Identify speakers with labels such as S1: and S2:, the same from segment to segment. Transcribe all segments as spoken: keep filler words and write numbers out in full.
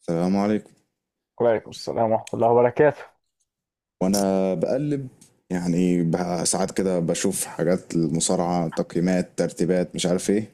S1: السلام عليكم.
S2: وعليكم السلام ورحمة الله وبركاته.
S1: وانا بقلب يعني بقى ساعات كده بشوف حاجات المصارعة، تقييمات، ترتيبات، مش عارف ايه.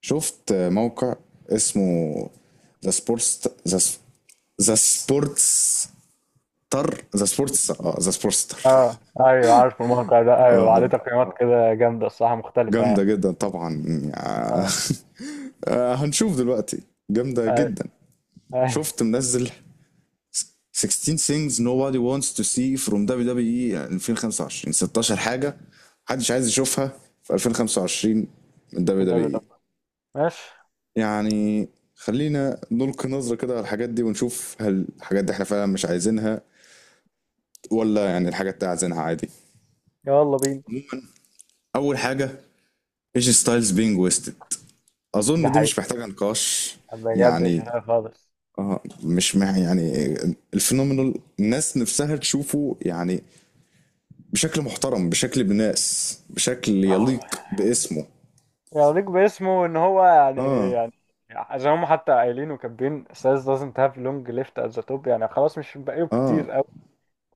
S1: شفت موقع اسمه ذا سبورتس ذا ذا سبورتس تر ذا سبورتس اه ذا سبورتس تر.
S2: اه ايوه عارف الموقع ده، ايوه عليه
S1: اه،
S2: تقييمات كده جامدة الصراحة، مختلفة
S1: جامدة
S2: يعني.
S1: جدا طبعا يعني.
S2: اه
S1: آه، هنشوف دلوقتي. جامدة
S2: ايوه.
S1: جدا.
S2: ايوه.
S1: شفت منزل ستاشر things nobody wants to see from دبليو دبليو اي ألفين وخمسة وعشرين. ستاشر حاجة محدش عايز يشوفها في ألفين وخمسة وعشرين من
S2: في الدوري ده،
S1: دبليو دبليو اي.
S2: ماشي.
S1: يعني خلينا نلقي نظرة كده على الحاجات دي ونشوف هل الحاجات دي احنا فعلا مش عايزينها ولا يعني الحاجات دي عايزينها عادي.
S2: يلا بينا.
S1: أول حاجة، ايجي ستايلز بينج ويستد.
S2: ده
S1: أظن دي
S2: حقيقة،
S1: مش محتاجة نقاش.
S2: بجد مش
S1: يعني
S2: هلاقي خالص.
S1: اه، مش مع يعني الفينومينال، الناس نفسها تشوفه يعني بشكل محترم، بشكل بناس، بشكل يليق باسمه.
S2: يعنيك باسمه ان هو يعني
S1: اه،
S2: يعني زي ما هم حتى قايلين وكاتبين سايز doesn't have long left at the top، يعني خلاص مش بقاله
S1: اه،
S2: كتير.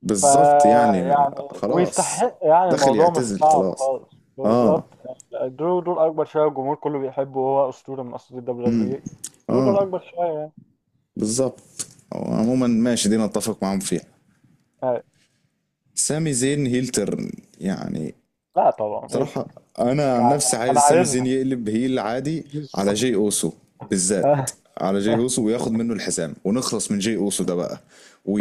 S1: بالظبط يعني
S2: فيعني
S1: خلاص،
S2: ويستحق، يعني
S1: داخل
S2: الموضوع مش
S1: يعتزل
S2: صعب
S1: خلاص.
S2: خالص،
S1: اه،
S2: بالظبط. درو دول اكبر شويه، والجمهور كله بيحبه، وهو اسطوره من اساطير الدبليو دبليو اي. درو دول
S1: اه،
S2: اكبر شويه يعني.
S1: بالظبط. عموما ماشي، دي نتفق معاهم فيها.
S2: أي.
S1: سامي زين هيل تيرن، يعني
S2: لا طبعا، ايه
S1: بصراحة
S2: ده؟
S1: أنا عن
S2: يعني
S1: نفسي
S2: انا
S1: عايز سامي زين
S2: عايزها.
S1: يقلب هيل عادي على جاي أوسو بالذات.
S2: أه.
S1: على جاي أوسو وياخد منه الحزام ونخلص من جاي أوسو ده بقى،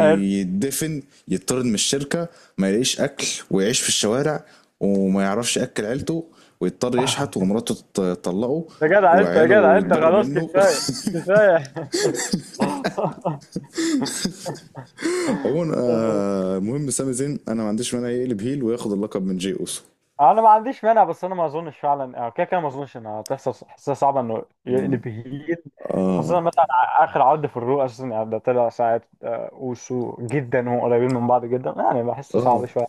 S2: حلو.
S1: يطرد من الشركة، ما يلاقيش أكل ويعيش في الشوارع، وما يعرفش يأكل عيلته، ويضطر يشحت، ومراته تط- تطلقه،
S2: يا جدع انت، يا
S1: وعياله
S2: جدع انت،
S1: يتبروا
S2: خلاص
S1: منه.
S2: كفايه، كفايه.
S1: عموما آه، المهم سامي زين أنا ما عنديش مانع يقلب هيل وياخد اللقب من جاي أوسو.
S2: انا ما عنديش مانع، بس انا ما اظنش فعلا. آه، كده كده ما اظنش انها هتحصل، حاسسها صعبه انه
S1: نعم.
S2: يقلب هيل.
S1: آه،
S2: خاصه مثلا ع- اخر عرض في الرو اساسا، يعني ده طلع ساعه آه، اوسو جدا، وهم قريبين من بعض جدا، يعني بحسه
S1: آه،
S2: صعب شويه.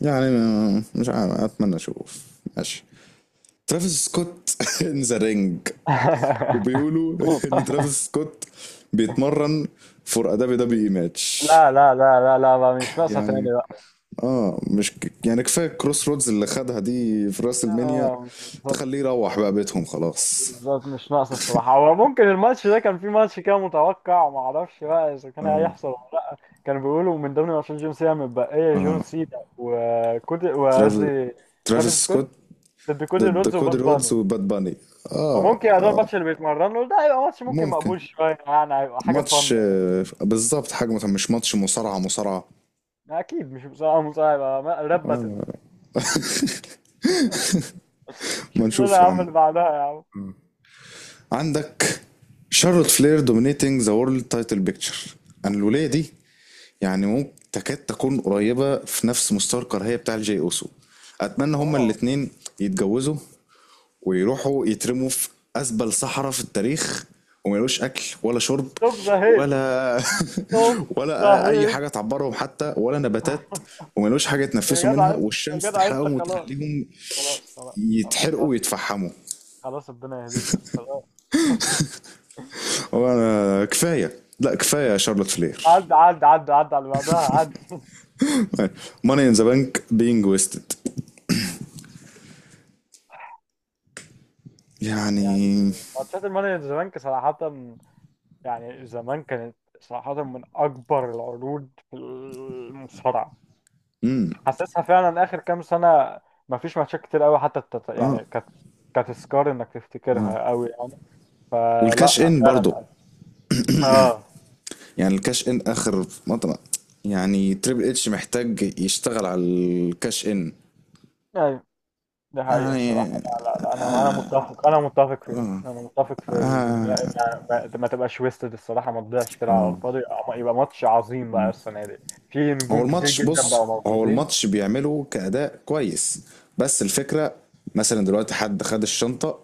S1: يعني ما- مش عارف، اتمنى اشوف. ماشي. ترافيس سكوت ان ذا رينج. وبيقولوا ان ترافيس سكوت بيتمرن فور ادابي دبليو اي ماتش.
S2: لا لا لا، لا لا بقى مش ناقصه
S1: يعني
S2: تاني بقى.
S1: اه، مش ك- يعني كفايه كروس رودز اللي خدها دي في راس المنيا.
S2: آه،
S1: تخليه يروح بقى بيتهم خلاص.
S2: بالظبط مش ناقص الصراحة. هو ممكن الماتش ده كان في ماتش كده متوقع، ما اعرفش بقى اذا كان
S1: اه،
S2: هيحصل ولا لا. كانوا بيقولوا من ضمن ماتشات جون سينا متبقية جون
S1: اه،
S2: سينا، وكود
S1: ترافيس،
S2: وقصدي ترافيس
S1: ترافيس سكوت
S2: سكوت ضد كودي
S1: ضد
S2: رودز وباد
S1: كودي رودز
S2: باني.
S1: وباد باني. اه،
S2: فممكن يبقى ده
S1: اه،
S2: الماتش اللي بيتمرنوا له، ده هيبقى ماتش ممكن
S1: ممكن
S2: مقبول شوية، يعني هيبقى حاجة
S1: ماتش
S2: فن.
S1: آه، بالظبط حجمه، مش ماتش مصارعة مصارعة.
S2: اكيد مش مساعة مساعة، هيبقى ما- راب باتل.
S1: ما
S2: شوف لنا
S1: نشوف
S2: يا
S1: يا
S2: عم
S1: عم.
S2: اللي بعدها يا عم.
S1: عندك شارلوت فلير دومينيتنج ذا وورلد تايتل بيكتشر. انا الولايه دي يعني ممكن تكاد تكون قريبه في نفس مستوى الكراهيه بتاع الجي اوسو. اتمنى هما
S2: واو.
S1: الاتنين يتجوزوا ويروحوا يترموا في اسبل صحراء في التاريخ، وما يلاقوش اكل ولا شرب
S2: ستوب ذا هيت.
S1: ولا
S2: ستوب ذا
S1: ولا اي
S2: هيت.
S1: حاجه تعبرهم حتى، ولا نباتات، وما يلاقوش حاجه يتنفسوا
S2: يا جدع
S1: منها،
S2: انت، يا
S1: والشمس
S2: جدع انت
S1: تحرقهم
S2: خلاص.
S1: وتخليهم
S2: خلاص خلاص. خلاص،
S1: يتحرقوا
S2: خلاص
S1: ويتفحموا.
S2: خلاص ربنا يهديك بس، خلاص.
S1: وانا كفايه، لا كفايه شارلوت فلير.
S2: عد عد عد عد على اللي بعدها عد.
S1: ماني ان ذا بانك بينج ويستد،
S2: يعني
S1: يعني
S2: ماتشات المانيا زمان صراحة، يعني زمان كانت صراحة من أكبر العروض في المصارعة.
S1: امم،
S2: حاسسها فعلا آخر كام سنة مفيش ماتشات كتير أوي حتى تت...
S1: اه،
S2: يعني كانت، كانت تذكار إنك
S1: اه،
S2: تفتكرها أوي يعني. آه
S1: والكاش
S2: لا
S1: ان برضو
S2: فعلا. اه
S1: يعني الكاش ان اخر مطلع، يعني تريبل اتش محتاج يشتغل على الكاش ان.
S2: أيوة. دي حقيقة الصراحة.
S1: يعني
S2: لا لا لا، أنا أنا متفق، أنا متفق في دي، أنا متفق في ال... يعني ما, ما تبقاش ويستد الصراحة، ما تضيعش كده على الفاضي، يبقى يبقى ماتش عظيم بقى السنة دي. في
S1: هو
S2: نجوم كتير
S1: الماتش،
S2: جدا
S1: بص
S2: بقوا
S1: هو
S2: موجودين.
S1: الماتش بيعمله كأداء كويس، بس الفكرة مثلا دلوقتي حد خد الشنطة،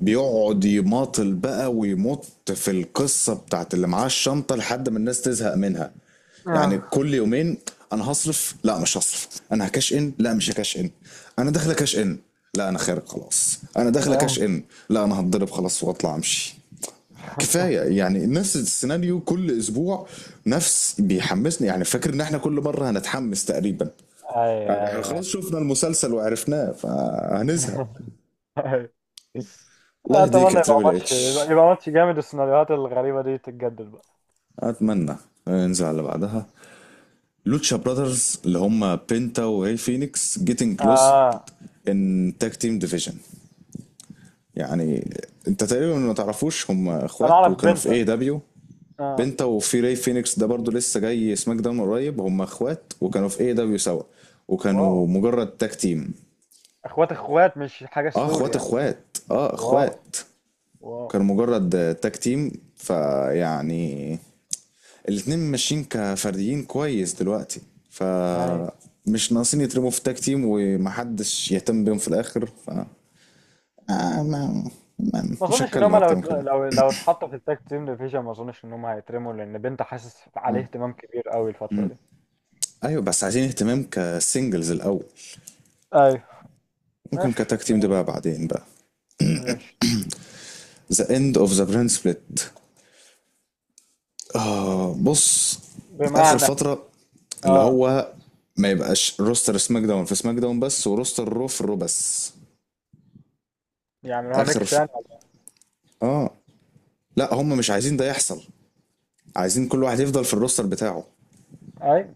S1: بيقعد يماطل بقى ويمط في القصة بتاعت اللي معاه الشنطة لحد ما الناس تزهق منها. يعني
S2: اه.
S1: كل يومين انا هصرف، لا مش هصرف، انا هكاش ان، لا مش هكاش ان، انا داخله كاش ان، لا انا خارج خلاص، انا داخله كاش
S2: آه.
S1: ان، لا انا هتضرب خلاص واطلع امشي. كفايه يعني نفس السيناريو كل اسبوع، نفس بيحمسني يعني، فاكر ان احنا كل مره هنتحمس تقريبا.
S2: أيوه
S1: يعني احنا
S2: أيوه
S1: خلاص شفنا المسلسل وعرفناه فهنزهق.
S2: أيوه.
S1: الله يهديك يا
S2: أتمنى يبقى
S1: تريبل
S2: ماتش، يبقى
S1: اتش.
S2: يبقى ماتش جامد، السيناريوهات الغريبة دي تتجدد بقى.
S1: اتمنى ننزل على اللي بعدها. لوتشا براذرز اللي هم بينتا وهي فينيكس جيتنج كلوز
S2: آه.
S1: ان تاج تيم ديفيجن. يعني انت تقريبا ما تعرفوش، هم
S2: أنا
S1: اخوات
S2: أعرف
S1: وكانوا في
S2: بنتك.
S1: اي دبليو.
S2: آه.
S1: بنتا وفي راي فينيكس ده برضو لسه جاي سماك داون قريب، هم اخوات وكانوا في اي دبليو سوا
S2: واو.
S1: وكانوا مجرد تاج تيم.
S2: إخوات إخوات، مش حاجة
S1: اه
S2: ستوري
S1: اخوات
S2: يعني.
S1: اخوات، اه
S2: واو.
S1: اخوات.
S2: واو.
S1: كانوا مجرد تاج تيم، فيعني الاتنين ماشيين كفرديين كويس دلوقتي، ف
S2: أيوه.
S1: مش ناقصين يترموا في تاج تيم ومحدش يهتم بيهم في الاخر. ف آه ما ما
S2: ما
S1: مش
S2: اظنش ان
S1: هتكلم
S2: هم لو
S1: اكتر من كده.
S2: اتل- لو لو اتحطوا في التاج تيم ديفيجن، ما اظنش ان هم هيترموا، لان بنت حاسس عليه
S1: آه.
S2: اهتمام كبير قوي الفتره دي.
S1: ايوه بس عايزين اهتمام كسنجلز الاول،
S2: ايوه.
S1: ممكن
S2: ماشي
S1: كتاك تيم ده
S2: ماشي
S1: بقى بعدين بقى.
S2: ماشي.
S1: ذا اند اوف ذا برين سبليت. آه بص، اخر
S2: بمعنى؟
S1: فتره اللي
S2: اه.
S1: هو ما يبقاش روستر سماك داون في سماك داون بس وروستر رو في الرو بس.
S2: يعملوها
S1: اخر
S2: ميكس
S1: ف...
S2: يعني.
S1: اه، لا هم مش عايزين ده يحصل، عايزين كل واحد يفضل في الروستر بتاعه.
S2: اي.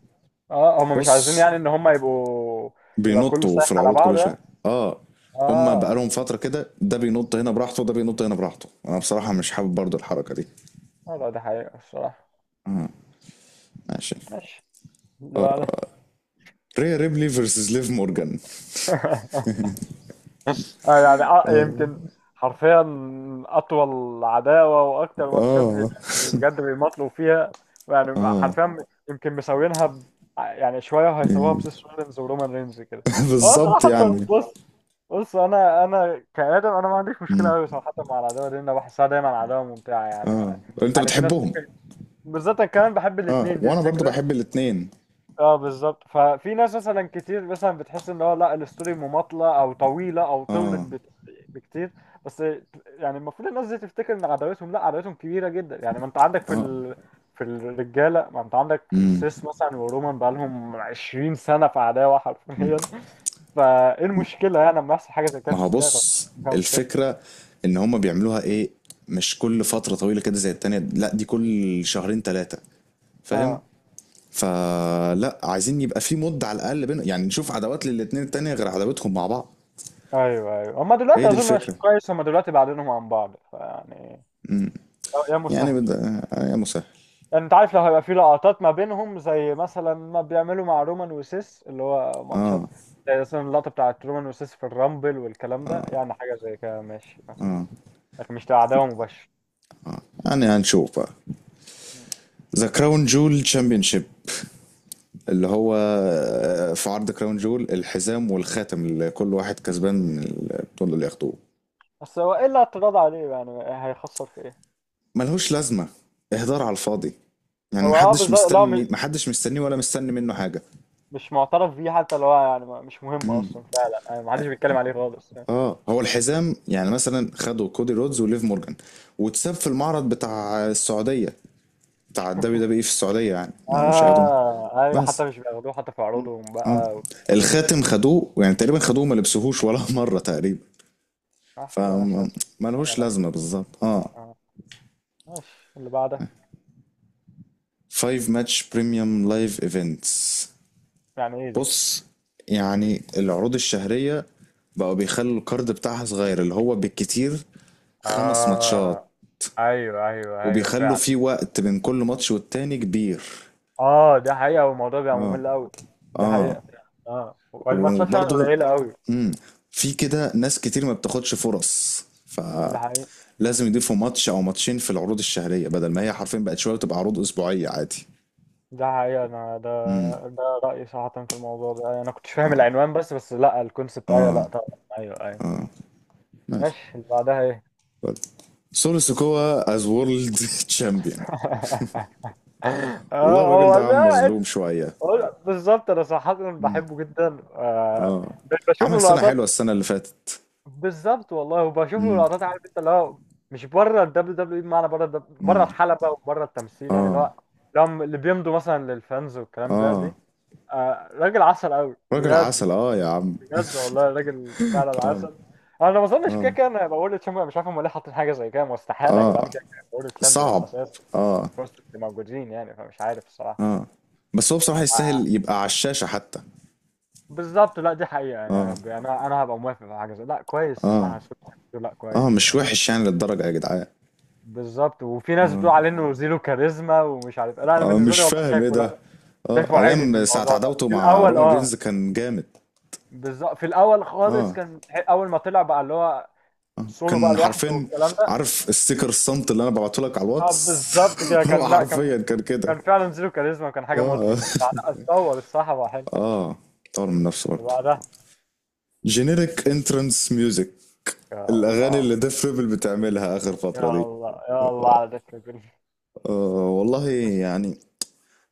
S2: اه، هم مش عايزين
S1: بص،
S2: يعني ان هم يبقوا. يبقى كله
S1: بينطوا
S2: سايح
S1: في
S2: على
S1: العروض كل
S2: بعضه يعني.
S1: شويه. اه، هم
S2: اه.
S1: بقالهم فتره كده ده بينط هنا براحته وده بينط هنا براحته، انا بصراحه مش حابب برضو الحركه دي.
S2: اه لا دي حقيقه الصراحه.
S1: ماشي.
S2: ماشي. اللي بعدها.
S1: ريا ريبلي فيرسز ليف مورجان،
S2: آه. يعني آه، يمكن حرفيا اطول عداوه واكتر ماتشات، يعني
S1: اه.
S2: بجد بيماطلوا فيها. يعني حرفيا يمكن مسوينها ب... يعني شويه وهيسووها بسيس رولينز ورومان رينز كده. هو
S1: بالظبط
S2: صراحه،
S1: يعني.
S2: بص، بص انا انا كادم، انا ما عنديش مشكله قوي صراحه مع العداوه دي، انا بحسها دايما عداوه ممتعه يعني.
S1: اه انت
S2: يعني في ناس
S1: بتحبهم.
S2: ممكن، بالذات انا كمان بحب
S1: اه
S2: الاثنين دي
S1: وانا برضو
S2: الفكره.
S1: بحب الاتنين.
S2: اه بالظبط، ففي ناس مثلا كتير مثلا بتحس ان هو لا الستوري مماطله او طويله او طولت
S1: اه،
S2: بت- بكتير. بس يعني المفروض الناس دي تفتكر ان عداوتهم، لا عداوتهم كبيره جدا يعني. ما انت عندك في
S1: اه،
S2: ال... في الرجاله، ما انت عندك
S1: امم،
S2: سيس مثلا ورومان بقالهم عشرين سنه في عداوه حرفيا. فايه المشكله يعني لما يحصل حاجه زي كده
S1: ما
S2: في
S1: هو
S2: الستات، مفيش
S1: بص،
S2: فيها مشكله.
S1: الفكرة ان هما بيعملوها ايه، مش كل فترة طويلة كده زي التانية، لا دي كل شهرين تلاتة، فاهم؟
S2: اه.
S1: فلا عايزين يبقى في مدة على الاقل بين، يعني نشوف عداوات للاتنين التانية غير عداوتهم مع بعض.
S2: ايوه ايوه، هما
S1: هي
S2: دلوقتي
S1: دي
S2: اظن مش
S1: الفكرة.
S2: كويس، هما دلوقتي بعدينهم عن بعض فيعني.
S1: امم،
S2: آه، يا
S1: يعني
S2: مسهل.
S1: بد... آه، يا مسهل.
S2: يعني انت عارف لو هيبقى في لقطات ما بينهم زي مثلا ما بيعملوا مع رومان وسيس، اللي هو
S1: اه،
S2: ماتشات زي مثلا اللقطة بتاعت رومان وسيس في الرامبل والكلام ده، يعني حاجة زي كده ماشي ماشي.
S1: اه،
S2: لكن مش عداوة مباشرة.
S1: يعني هنشوف بقى.
S2: مم.
S1: ذا كراون جول تشامبيونشيب، اللي هو آه، في عرض كراون جول الحزام والخاتم اللي كل واحد كسبان من البطولة اللي ياخدوه.
S2: بس هو ايه اللي اعتراض عليه يعني؟ هيخسر في ايه؟
S1: ملهوش لازمة، اهدار على الفاضي، يعني
S2: هو اه
S1: محدش
S2: بالظبط. لا م-
S1: مستني، محدش مستنيه ولا مستني منه حاجة.
S2: مش معترف بيه حتى. لو هو يعني ما- مش مهم اصلا فعلا، يعني ما حدش بيتكلم عليه خالص.
S1: اه هو الحزام يعني مثلا خدوا كودي رودز وليف مورجان واتساب في المعرض بتاع السعودية، بتاع الدبليو دبليو اي في السعودية يعني، ما مش هياخدوه
S2: اه أيوة،
S1: بس.
S2: حتى مش بياخدوه حتى في عروضهم
S1: اه،
S2: بقى وك...
S1: الخاتم خدوه يعني تقريبا، خدوه ما لبسوهوش ولا مرة تقريبا،
S2: آه، حاجة ملهاش لازمة. حاجة
S1: فملهوش
S2: ملهاش
S1: لازمة
S2: لازمة.
S1: بالظبط.
S2: آه
S1: اه،
S2: آه. ماشي، اللي بعده.
S1: خمس ماتش بريميوم لايف ايفنتس.
S2: يعني ايه دي؟
S1: بص يعني العروض الشهرية بقوا بيخلوا الكارد بتاعها صغير اللي هو بالكتير خمس ماتشات،
S2: اه ايوه ايوه ايوه
S1: وبيخلوا
S2: فعلا.
S1: فيه وقت بين كل ماتش والتاني كبير.
S2: اه، ده حقيقة، والموضوع بيبقى ممل قوي. ده
S1: اه،
S2: حقيقة فعلا. اه والماتشات فعلا
S1: وبرضو
S2: قليلة قوي.
S1: مم، في كده ناس كتير ما بتاخدش فرص،
S2: ده حقيقة. مم.
S1: فلازم يضيفوا ماتش او ماتشين في العروض الشهرية، بدل ما هي حرفيا بقت شوية تبقى عروض اسبوعية عادي.
S2: ده حقيقة. انا ده ده رأيي صراحة في الموضوع ده. انا كنتش فاهم العنوان بس، بس لا الكونسبت ايوه، لا طبعا. ايوه ايوه. ماشي، اللي بعدها ايه؟
S1: سولو سيكوا از وورلد تشامبيون. والله
S2: اه
S1: الراجل
S2: هو
S1: ده
S2: لا،
S1: عم مظلوم شوية،
S2: هو بالظبط انا صراحة بحبه جدا. آه. بشوف
S1: عمل
S2: له
S1: سنة حلوة
S2: لقطات.
S1: السنة اللي فاتت.
S2: بالظبط والله، وبشوف له لقطات. عارف انت اللي هو مش بره الدبليو دبليو اي، بمعنى بره الدب- بره
S1: مم،
S2: الحلبه وبره التمثيل يعني، اللي
S1: اه،
S2: هو اللي هم- اللي بيمضوا مثلا للفانز والكلام ده
S1: اه،
S2: دي. آه راجل عسل قوي
S1: راجل
S2: بجد.
S1: عسل اه يا عم.
S2: بجد والله، راجل فعلا عسل. انا ما اظنش كده كده، انا بقول تشامبيون. مش عارف هم ليه حاطين حاجه زي كده، مستحيل يا جدعان.
S1: اه
S2: كده كده بقول تشامبيون
S1: صعب،
S2: اساس،
S1: اه،
S2: وسط اللي موجودين يعني، فمش عارف الصراحه.
S1: اه، بس هو بصراحة
S2: مع-
S1: يستاهل يبقى على الشاشة حتى.
S2: بالظبط، لا دي حقيقه.
S1: اه،
S2: انا ب- انا انا هبقى موافق على حاجه زي لا كويس،
S1: اه،
S2: صح. لا
S1: اه
S2: كويس
S1: مش
S2: يعني.
S1: وحش يعني للدرجة يا جدعان.
S2: بالظبط. وفي ناس بتقول عليه انه زيرو كاريزما، ومش عارف إيه. لا انا
S1: اه
S2: بالنسبه
S1: مش
S2: لي والله
S1: فاهم ايه
S2: شايفه.
S1: ده.
S2: لا
S1: اه،
S2: شايفه عالي في
S1: ايام ساعة
S2: الموضوع ده
S1: عداوته
S2: في
S1: مع
S2: الاول
S1: رومان
S2: اه.
S1: رينز كان جامد،
S2: بالظبط، في الاول خالص كان ح- اول ما طلع بقى، اللي هو سولو بقى
S1: كان
S2: لوحده
S1: حرفيا،
S2: والكلام ده.
S1: عارف الستيكر الصمت اللي انا ببعته لك على
S2: اه
S1: الواتس؟
S2: بالظبط كده،
S1: هو
S2: كان لا
S1: حرفيا
S2: كان،
S1: كان كده.
S2: كان فعلا زيرو كاريزما وكان حاجه مضحك،
S1: اه.
S2: بس بعدها اتطور الصراحه بقى حلو.
S1: اه، طور من نفسه برضه.
S2: وبعدها
S1: جينيريك انترنس ميوزك،
S2: يا
S1: الاغاني اللي
S2: الله،
S1: ديف بيبل بتعملها اخر فتره
S2: يا
S1: دي،
S2: الله، يا الله على ده الفيلم.
S1: أه والله يعني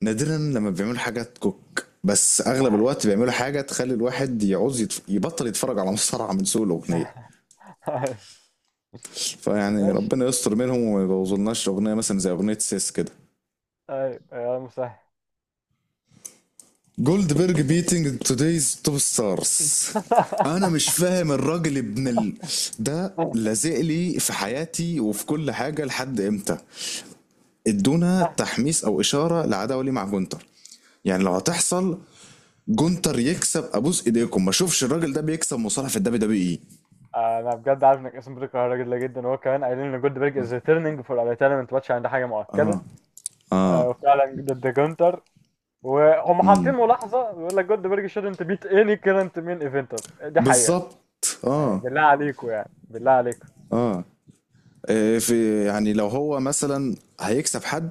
S1: نادرا لما بيعملوا حاجه تكوك، بس
S2: ده
S1: اغلب
S2: حقيقي.
S1: الوقت بيعملوا حاجه تخلي الواحد يعوز يتف... يبطل يتفرج على مصارعه من سوء الاغنيه. فيعني
S2: ماشي.
S1: ربنا يستر منهم وما يبوظلناش اغنيه مثلا زي اغنيه سيس كده.
S2: ايوه يا مسهل.
S1: جولد بيرج بيتنج تودايز توب ستارز. انا مش فاهم الراجل ابن ال... ده لازق لي في حياتي وفي كل حاجه لحد امتى؟ ادونا تحميس او اشاره لعداوه ليه مع جونتر، يعني لو هتحصل جونتر يكسب ابوس ايديكم، ما اشوفش الراجل ده بيكسب مصارع في الدبليو دبليو اي.
S2: انا بجد عارف انك اسم بتكرهها جدا جدا. وهو كمان قايلين ان جولدبرج از ريتيرنينج فور ريتايرمنت ماتش، عند حاجه
S1: اه،
S2: مؤكده.
S1: اه،
S2: آه، وفعلا ضد جونتر. وهم
S1: امم،
S2: حاطين ملاحظه بيقول لك جولدبرج شouldn't beat any current main eventer، دي حقيقه.
S1: بالظبط
S2: يعني
S1: اه،
S2: بالله عليكم، يعني بالله عليكم.
S1: اه، إيه في؟ يعني لو هو مثلا هيكسب حد،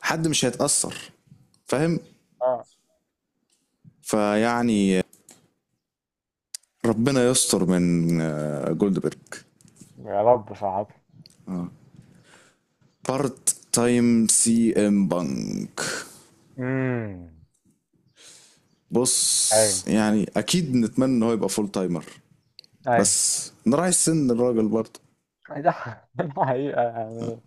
S1: حد مش هيتأثر، فاهم؟
S2: اه
S1: فيعني ربنا يستر من آه، جولدبرج.
S2: يا رب. صعب.
S1: بارت تايم سي ام بانك.
S2: امم. اي
S1: بص يعني اكيد نتمنى ان هو يبقى فول تايمر،
S2: اي.
S1: بس راعي السن الراجل برضه.
S2: ده ده حقيقه يعني.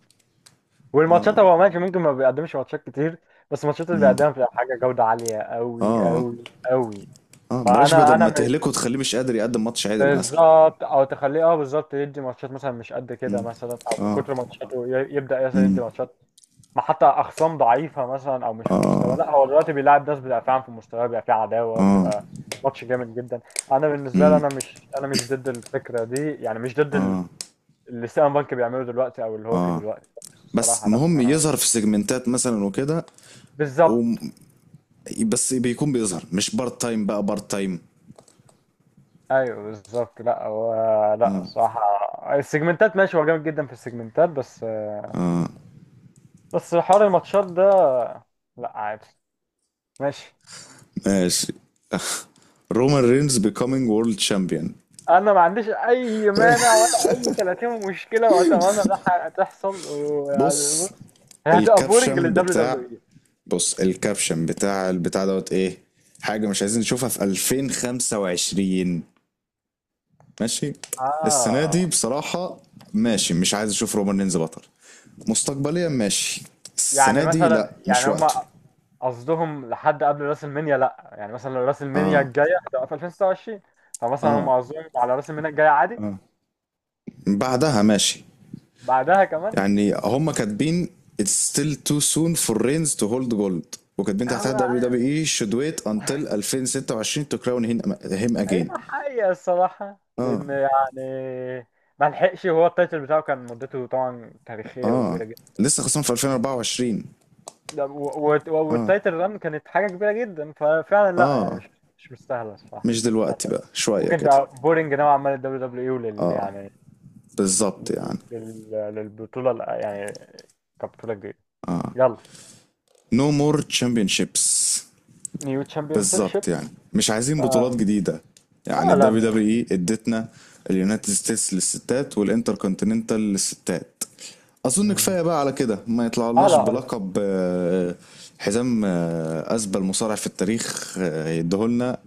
S2: والماتشات هو ماشي، ممكن ما بيقدمش ماتشات كتير، بس الماتشات اللي
S1: مم،
S2: بيقدمها بتبقى حاجه جوده عاليه قوي
S1: اه،
S2: قوي قوي.
S1: اه، بلاش
S2: فانا
S1: بدل ما
S2: انا
S1: تهلكه تخليه مش قادر يقدم ماتش عدل مثلا.
S2: بالظبط. او تخليه اه بالظبط يدي ماتشات مثلا مش قد كده مثلا، او من كتر ماتشاته ي- يبدا مثلا يدي ماتشات ما حتى اخصام ضعيفه مثلا، او مش في مستوى. لا هو دلوقتي بيلاعب ناس بيبقى فعلا في مستوى، بيبقى فيه عداوه، بيبقى ماتش جامد جدا. انا بالنسبه لي انا مش انا مش ضد الفكره دي، يعني مش ضد ال- اللي سيلان بانك بيعمله دلوقتي، او اللي هو فيه دلوقتي. بس
S1: بس
S2: الصراحه لا
S1: مهم
S2: آه.
S1: يظهر في سيجمنتات مثلا وكده، و...
S2: بالظبط.
S1: بس بيكون بيظهر مش بارت تايم بقى بارت تايم.
S2: ايوه بالظبط، لا هو، لا الصراحه السيجمنتات ماشي، هو جامد جدا في السيجمنتات. بس بس حوار الماتشات ده، لا عادي. ماشي.
S1: ماشي. رومان رينز becoming world champion.
S2: انا ما عنديش اي مانع ولا اي ثلاثين مشكله، واتمنى ده ح- تحصل ويعني
S1: بص
S2: بص. هي هتبقى بورنج
S1: الكابشن
S2: للدبليو دبليو
S1: بتاع
S2: اي.
S1: بص الكابشن بتاع البتاع دوت ايه، حاجة مش عايزين نشوفها في ألفين وخمسة وعشرين. ماشي، السنة
S2: اه
S1: دي بصراحة ماشي، مش عايز اشوف رومان رينز بطل. مستقبليا ماشي،
S2: يعني
S1: السنة دي
S2: مثلا،
S1: لا مش
S2: يعني
S1: وقته.
S2: هما قصدهم لحد قبل راس المنيا. لا يعني مثلا لو راس المنيا الجايه هتبقى في ألفين وستة وعشرين، فمثلا هم
S1: اه،
S2: قصدهم على راس المنيا الجايه عادي.
S1: بعدها ماشي.
S2: بعدها كمان.
S1: يعني هما كاتبين it's still too soon for Reigns to hold gold، وكاتبين تحتها
S2: هو،
S1: دبليو دبليو اي should wait until ألفين وستة وعشرين to crown him him
S2: هي
S1: again.
S2: حقيقة الصراحة لأن يعني ما لحقش، وهو التايتل بتاعه كان مدته طبعا تاريخية وكبيرة جدا.
S1: لسه خصم في ألفين وأربعة وعشرين،
S2: ده- و- و- والتايتل ران كانت حاجة كبيرة جدا، ففعلا لا يعني مش مش مستاهلة الصراحة.
S1: مش دلوقتي بقى شوية
S2: ممكن
S1: كده.
S2: تبقى بورينج نوعا ما للدبليو دبليو دبليو اي، ولل يعني
S1: بالظبط
S2: لل...
S1: يعني.
S2: لل... للبطولة ال- يعني كبطولة جديدة. يلا.
S1: no more championships.
S2: نيو تشامبيون شيب.
S1: بالظبط يعني مش عايزين بطولات
S2: اه
S1: جديدة. يعني
S2: اه
S1: ال
S2: لا ما-
S1: دبليو دبليو اي ادتنا اليونايتد ستيتس للستات والانتر كونتيننتال للستات، اظن
S2: مم.
S1: كفايه بقى على كده، ما
S2: اه
S1: يطلعلناش
S2: لا آه،
S1: بلقب آه، حزام آه، اسبل مصارع في التاريخ آه، يديهولنا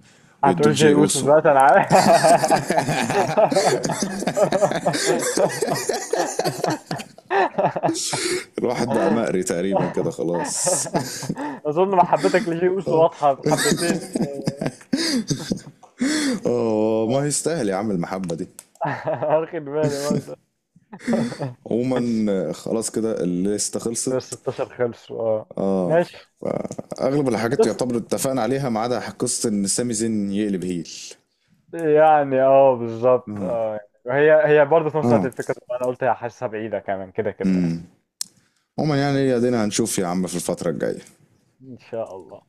S1: ويدوه
S2: هتقول شيء
S1: لجي
S2: يوسف
S1: اوسو.
S2: دلوقتي انا عارف.
S1: الواحد بقى مقري تقريبا كده خلاص.
S2: اظن محبتك لشيء يوسف واضحه حبتين.
S1: اه ما يستاهل يا عم المحبه دي.
S2: واخد بالي برضه.
S1: عموما آه، خلاص كده الليسته
S2: بس
S1: خلصت.
S2: ستة عشر خلصوا اه.
S1: اه،
S2: ماشي.
S1: اغلب الحاجات
S2: بس
S1: يعتبر اتفقنا عليها ما عدا قصه ان سامي زين يقلب هيل.
S2: يعني اه بالظبط
S1: اه،
S2: اه. وهي هي برضه في نفس الوقت
S1: اه،
S2: الفكره، انا قلت هحسها بعيده كمان كده كده يعني.
S1: امم. عموما يعني ادينا هنشوف يا عم في الفتره الجايه.
S2: ان شاء الله.